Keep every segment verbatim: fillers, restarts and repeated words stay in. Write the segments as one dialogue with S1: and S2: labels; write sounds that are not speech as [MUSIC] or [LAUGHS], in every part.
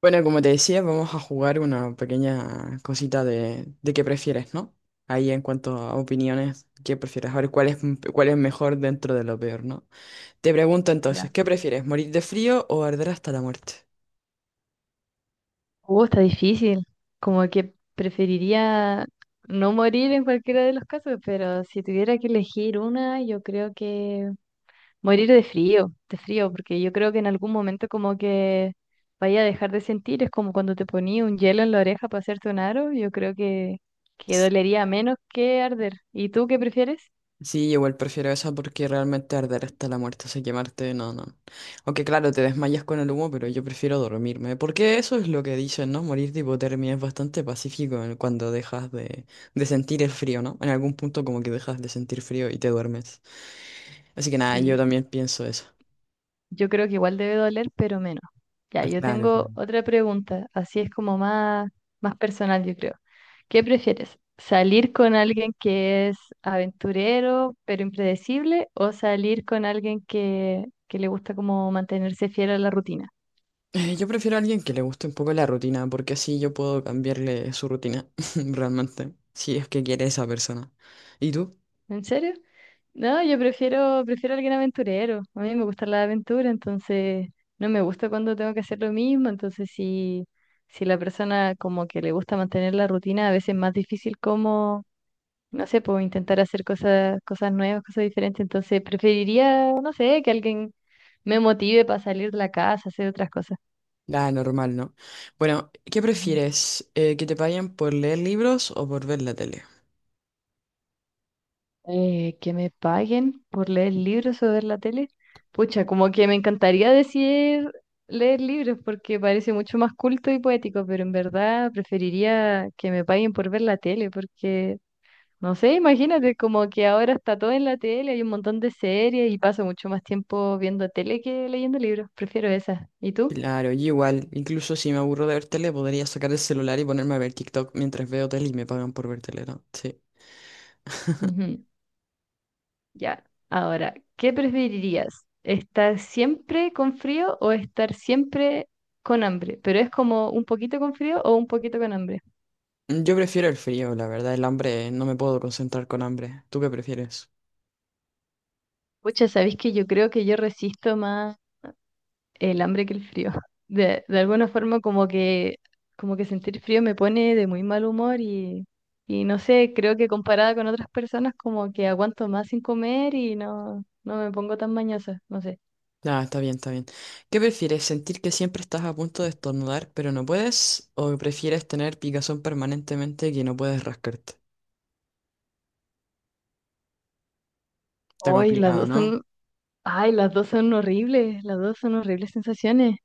S1: Bueno, como te decía, vamos a jugar una pequeña cosita de, de qué prefieres, ¿no? Ahí en cuanto a opiniones, ¿qué prefieres? A ver cuál es, cuál es mejor dentro de lo peor, ¿no? Te pregunto entonces,
S2: Ya.
S1: ¿qué prefieres? ¿Morir de frío o arder hasta la muerte?
S2: Uh, está difícil. Como que preferiría no morir en cualquiera de los casos, pero si tuviera que elegir una, yo creo que morir de frío, de frío, porque yo creo que en algún momento como que vaya a dejar de sentir, es como cuando te ponía un hielo en la oreja para hacerte un aro, yo creo que, que dolería menos que arder. ¿Y tú qué prefieres?
S1: Sí, igual prefiero eso porque realmente arder hasta la muerte, o sea, quemarte, no, no. Aunque claro, te desmayas con el humo, pero yo prefiero dormirme. Porque eso es lo que dicen, ¿no? Morir de hipotermia es bastante pacífico en- cuando dejas de, de sentir el frío, ¿no? En algún punto como que dejas de sentir frío y te duermes. Así que nada, yo
S2: Sí.
S1: también pienso eso.
S2: Yo creo que igual debe doler, pero menos. Ya, yo
S1: Claro,
S2: tengo
S1: claro.
S2: otra pregunta, así es como más, más personal, yo creo. ¿Qué prefieres? ¿Salir con alguien que es aventurero, pero impredecible, o salir con alguien que, que le gusta como mantenerse fiel a la rutina?
S1: Eh, yo prefiero a alguien que le guste un poco la rutina, porque así yo puedo cambiarle su rutina, [LAUGHS] realmente, si es que quiere esa persona. ¿Y tú?
S2: ¿En serio? No, yo prefiero, prefiero alguien aventurero. A mí me gusta la aventura, entonces no me gusta cuando tengo que hacer lo mismo. Entonces, si, si la persona como que le gusta mantener la rutina, a veces es más difícil. No sé, puedo intentar hacer cosas, cosas nuevas, cosas diferentes. Entonces, preferiría, no sé, que alguien me motive para salir de la casa, hacer otras cosas.
S1: Ah, normal, ¿no? Bueno, ¿qué
S2: Ujú.
S1: prefieres? Eh, ¿que te paguen por leer libros o por ver la tele?
S2: Eh, que me paguen por leer libros o ver la tele. Pucha, como que me encantaría decir leer libros porque parece mucho más culto y poético, pero en verdad preferiría que me paguen por ver la tele porque no sé, imagínate, como que ahora está todo en la tele, hay un montón de series y paso mucho más tiempo viendo tele que leyendo libros. Prefiero esas. ¿Y tú?
S1: Claro, yo igual, incluso si me aburro de ver tele, podría sacar el celular y ponerme a ver TikTok mientras veo tele y me pagan por ver tele, ¿no? Sí.
S2: Ujú. Ya. Ahora, ¿qué preferirías? ¿Estar siempre con frío o estar siempre con hambre? Pero es como un poquito con frío o un poquito con hambre.
S1: Mm, Yo prefiero el frío, la verdad, el hambre, no me puedo concentrar con hambre. ¿Tú qué prefieres?
S2: Pucha, ¿sabéis que yo creo que yo resisto más el hambre que el frío? [LAUGHS] De, de alguna forma como que, como que sentir frío me pone de muy mal humor y, y no sé, creo que comparada con otras personas como que aguanto más sin comer y no, no me pongo tan mañosa, no sé.
S1: Ah, está bien, está bien. ¿Qué prefieres? ¿Sentir que siempre estás a punto de estornudar, pero no puedes? ¿O prefieres tener picazón permanentemente que no puedes rascarte? Está
S2: Hoy las
S1: complicado,
S2: dos
S1: ¿no?
S2: son, ay, las dos son horribles, las dos son horribles sensaciones.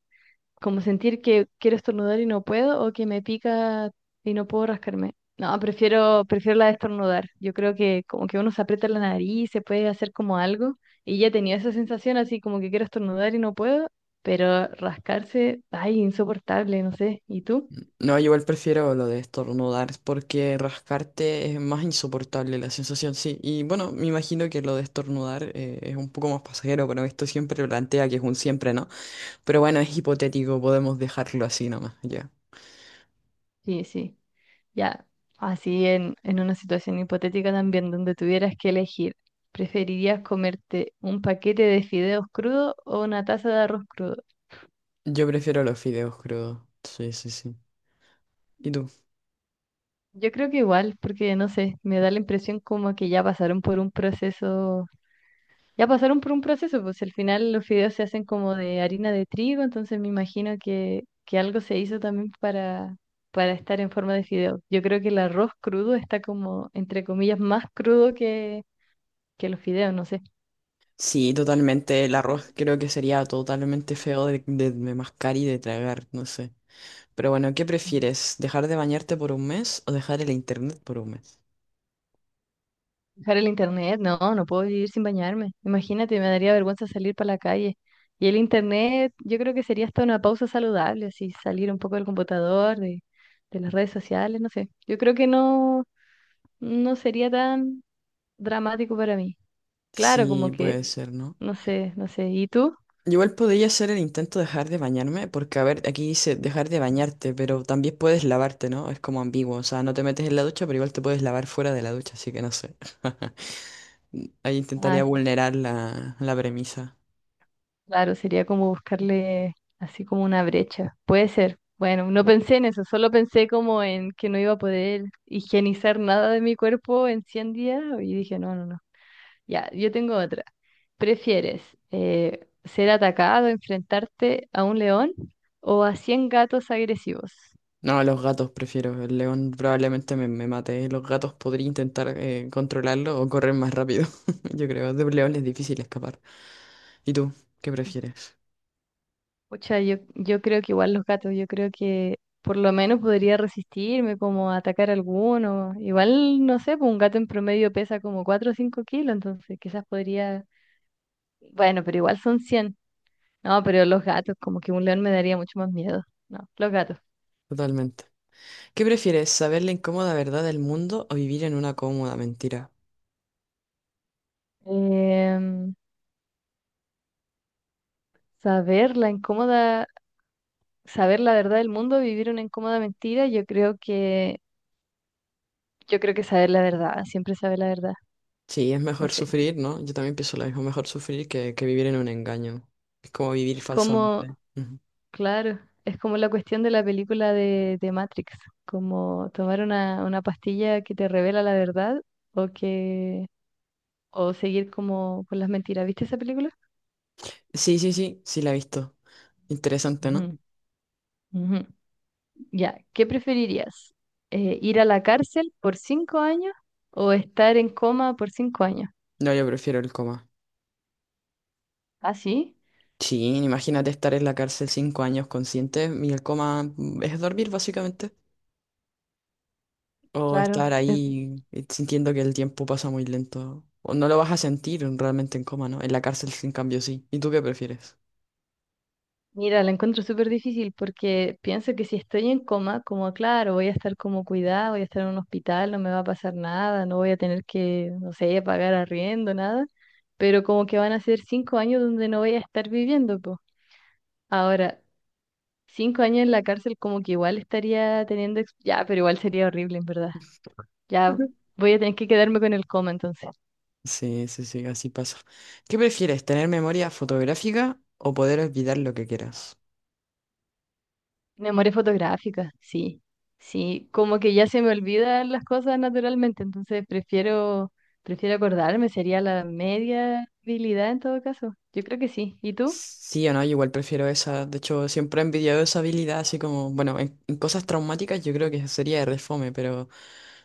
S2: Como sentir que quiero estornudar y no puedo o que me pica y no puedo rascarme. No, prefiero, prefiero la de estornudar. Yo creo que como que uno se aprieta la nariz, se puede hacer como algo y ya tenía esa sensación así como que quiero estornudar y no puedo, pero rascarse, ay, insoportable, no sé. ¿Y tú?
S1: No, yo igual prefiero lo de estornudar porque rascarte es más insoportable la sensación, sí. Y bueno, me imagino que lo de estornudar eh, es un poco más pasajero, pero esto siempre plantea que es un siempre, ¿no? Pero bueno, es hipotético, podemos dejarlo así nomás, ya.
S2: Sí, sí. Ya, así en, en una situación hipotética también donde tuvieras que elegir, ¿preferirías comerte un paquete de fideos crudos o una taza de arroz crudo?
S1: Yo prefiero los fideos crudos. Sí, sí, sí. ¿Y tú?
S2: Yo creo que igual, porque no sé, me da la impresión como que ya pasaron por un proceso, ya pasaron por un proceso, pues al final los fideos se hacen como de harina de trigo, entonces me imagino que, que algo se hizo también para, para estar en forma de fideo. Yo creo que el arroz crudo está como, entre comillas, más crudo que, que los fideos, no sé.
S1: Sí, totalmente. El arroz creo que sería totalmente feo de, de, de mascar y de tragar, no sé. Pero bueno, ¿qué prefieres? ¿Dejar de bañarte por un mes o dejar el internet por un mes?
S2: Dejar el internet, no, no puedo vivir sin bañarme. Imagínate, me daría vergüenza salir para la calle. Y el internet, yo creo que sería hasta una pausa saludable, así salir un poco del computador, de, de las redes sociales, no sé. Yo creo que no, no sería tan dramático para mí. Claro,
S1: Sí,
S2: como que,
S1: puede ser, ¿no?
S2: no sé, no sé. ¿Y tú?
S1: Yo igual podría hacer el intento de dejar de bañarme, porque a ver, aquí dice dejar de bañarte, pero también puedes lavarte, ¿no? Es como ambiguo, o sea, no te metes en la ducha, pero igual te puedes lavar fuera de la ducha, así que no sé. [LAUGHS] Ahí intentaría
S2: Ah,
S1: vulnerar la, la premisa.
S2: claro, sería como buscarle así como una brecha. Puede ser. Bueno, no pensé en eso, solo pensé como en que no iba a poder higienizar nada de mi cuerpo en cien días y dije, no, no, no. Ya, yo tengo otra. ¿Prefieres eh, ser atacado, enfrentarte a un león o a cien gatos agresivos?
S1: No, a los gatos prefiero. El león probablemente me, me mate. ¿Eh? Los gatos podría intentar eh, controlarlo o correr más rápido. [LAUGHS] Yo creo, de un león es difícil escapar. ¿Y tú? ¿Qué
S2: Sí.
S1: prefieres?
S2: Pucha, yo, yo creo que igual los gatos, yo creo que por lo menos podría resistirme como a atacar alguno. Igual, no sé, pues un gato en promedio pesa como cuatro o cinco kilos, entonces quizás podría... Bueno, pero igual son cien. No, pero los gatos, como que un león me daría mucho más miedo. No, los gatos.
S1: Totalmente. ¿Qué prefieres? ¿Saber la incómoda verdad del mundo o vivir en una cómoda mentira?
S2: Em, saber la incómoda Saber la verdad del mundo, vivir una incómoda mentira, yo creo que, yo creo que saber la verdad, siempre saber la verdad.
S1: Sí, es
S2: No
S1: mejor
S2: sé.
S1: sufrir, ¿no? Yo también pienso lo mismo, mejor sufrir que, que vivir en un engaño. Es como vivir
S2: Como,
S1: falsamente. Ujú.
S2: claro, es como la cuestión de la película de, de Matrix, como tomar una, una pastilla que te revela la verdad o que, o seguir como con las mentiras. ¿Viste esa película?
S1: Sí, sí, sí, sí la he visto. Interesante, ¿no?
S2: Ujú, ujú. Ya, ¿qué preferirías? Eh, ¿ir a la cárcel por cinco años o estar en coma por cinco años?
S1: No, yo prefiero el coma.
S2: Ah, sí,
S1: Sí, imagínate estar en la cárcel cinco años consciente y el coma mm, es dormir, básicamente. O
S2: claro.
S1: estar ahí eh, sintiendo que el tiempo pasa muy lento. O no lo vas a sentir realmente en coma, ¿no? En la cárcel, sin cambio, sí. ¿Y tú qué prefieres?
S2: Mira, la encuentro súper difícil porque pienso que si estoy en coma, como claro, voy a estar como cuidada, voy a estar en un hospital, no me va a pasar nada, no voy a tener que, no sé, pagar arriendo, nada, pero como que van a ser cinco años donde no voy a estar viviendo, pues. Ahora, cinco años en la cárcel como que igual estaría teniendo, ex- ya, pero igual sería horrible, en verdad. Ya voy a tener que quedarme con el coma entonces.
S1: Sí, sí, sí, así pasa. ¿Qué prefieres, tener memoria fotográfica o poder olvidar lo que quieras?
S2: Memoria fotográfica, sí, sí, como que ya se me olvidan las cosas naturalmente, entonces prefiero, prefiero acordarme, sería la media habilidad en todo caso. Yo creo que sí. ¿Y tú?
S1: Sí o no, yo igual prefiero esa. De hecho, siempre he envidiado esa habilidad, así como, bueno, en, en cosas traumáticas yo creo que sería re fome, pero,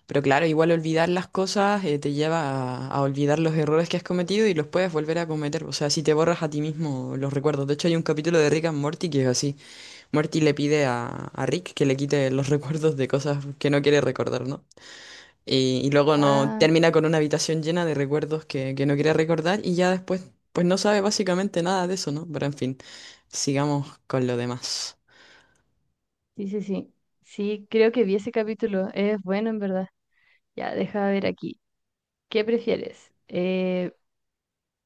S1: pero claro, igual olvidar las cosas eh, te lleva a, a olvidar los errores que has cometido y los puedes volver a cometer. O sea, si te borras a ti mismo los recuerdos. De hecho, hay un capítulo de Rick and Morty que es así. Morty le pide a, a Rick que le quite los [LAUGHS] recuerdos de cosas que no quiere recordar, ¿no? Y, y luego no
S2: Ah,
S1: termina con una habitación llena de recuerdos que, que no quiere recordar y ya después pues no sabe básicamente nada de eso, ¿no? Pero en fin, sigamos con lo demás.
S2: sí, sí, sí. Sí, creo que vi ese capítulo. Es bueno, en verdad. Ya, deja ver aquí. ¿Qué prefieres? Eh,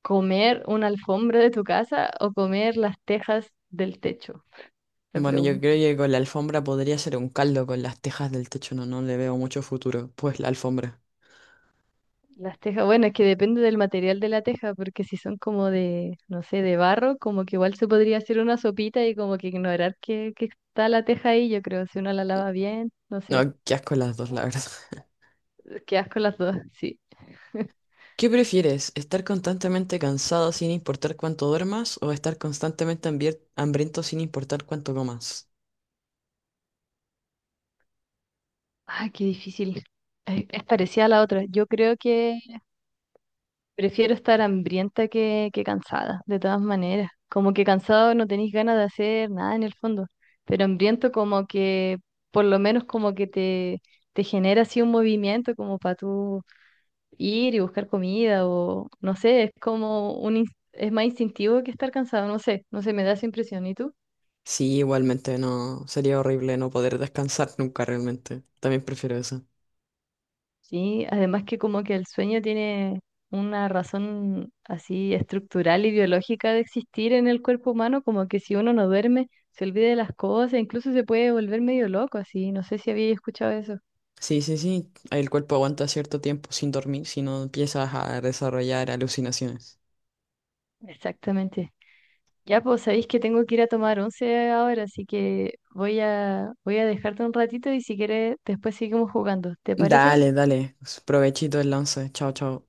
S2: ¿comer una alfombra de tu casa o comer las tejas del techo? La
S1: Bueno, yo
S2: pregunta.
S1: creo que con la alfombra podría ser un caldo con las tejas del techo, no, no le veo mucho futuro. Pues la alfombra.
S2: Las tejas, bueno, es que depende del material de la teja, porque si son como de, no sé, de barro, como que igual se podría hacer una sopita y como que ignorar que, que está la teja ahí, yo creo, si uno la lava bien, no sé,
S1: No, qué asco las dos, la verdad.
S2: quedas con las dos, [LAUGHS] sí.
S1: [LAUGHS] ¿Qué prefieres? ¿Estar constantemente cansado sin importar cuánto duermas o estar constantemente hambier- hambriento sin importar cuánto comas?
S2: Ay, qué difícil. Eh, Es parecida a la otra. Yo creo que prefiero estar hambrienta que, que cansada, de todas maneras. Como que cansado no tenéis ganas de hacer nada en el fondo, pero hambriento como que, por lo menos como que te, te genera así un movimiento como para tú ir y buscar comida o no sé, es como un, ins- es más instintivo que estar cansado, no sé, no sé, me da esa impresión. ¿Y tú?
S1: Sí, igualmente no. Sería horrible no poder descansar nunca realmente. También prefiero eso.
S2: Sí, además que como que el sueño tiene una razón así estructural y biológica de existir en el cuerpo humano, como que si uno no duerme, se olvida de las cosas, incluso se puede volver medio loco, así, no sé si había escuchado eso.
S1: Sí, sí, sí. El cuerpo aguanta cierto tiempo sin dormir si no empiezas a desarrollar alucinaciones.
S2: Exactamente. Ya, pues sabéis que tengo que ir a tomar once ahora, así que voy a, voy a dejarte un ratito y si quieres después seguimos jugando. ¿Te parece?
S1: Dale, dale. Provechito el once. Chao, chao.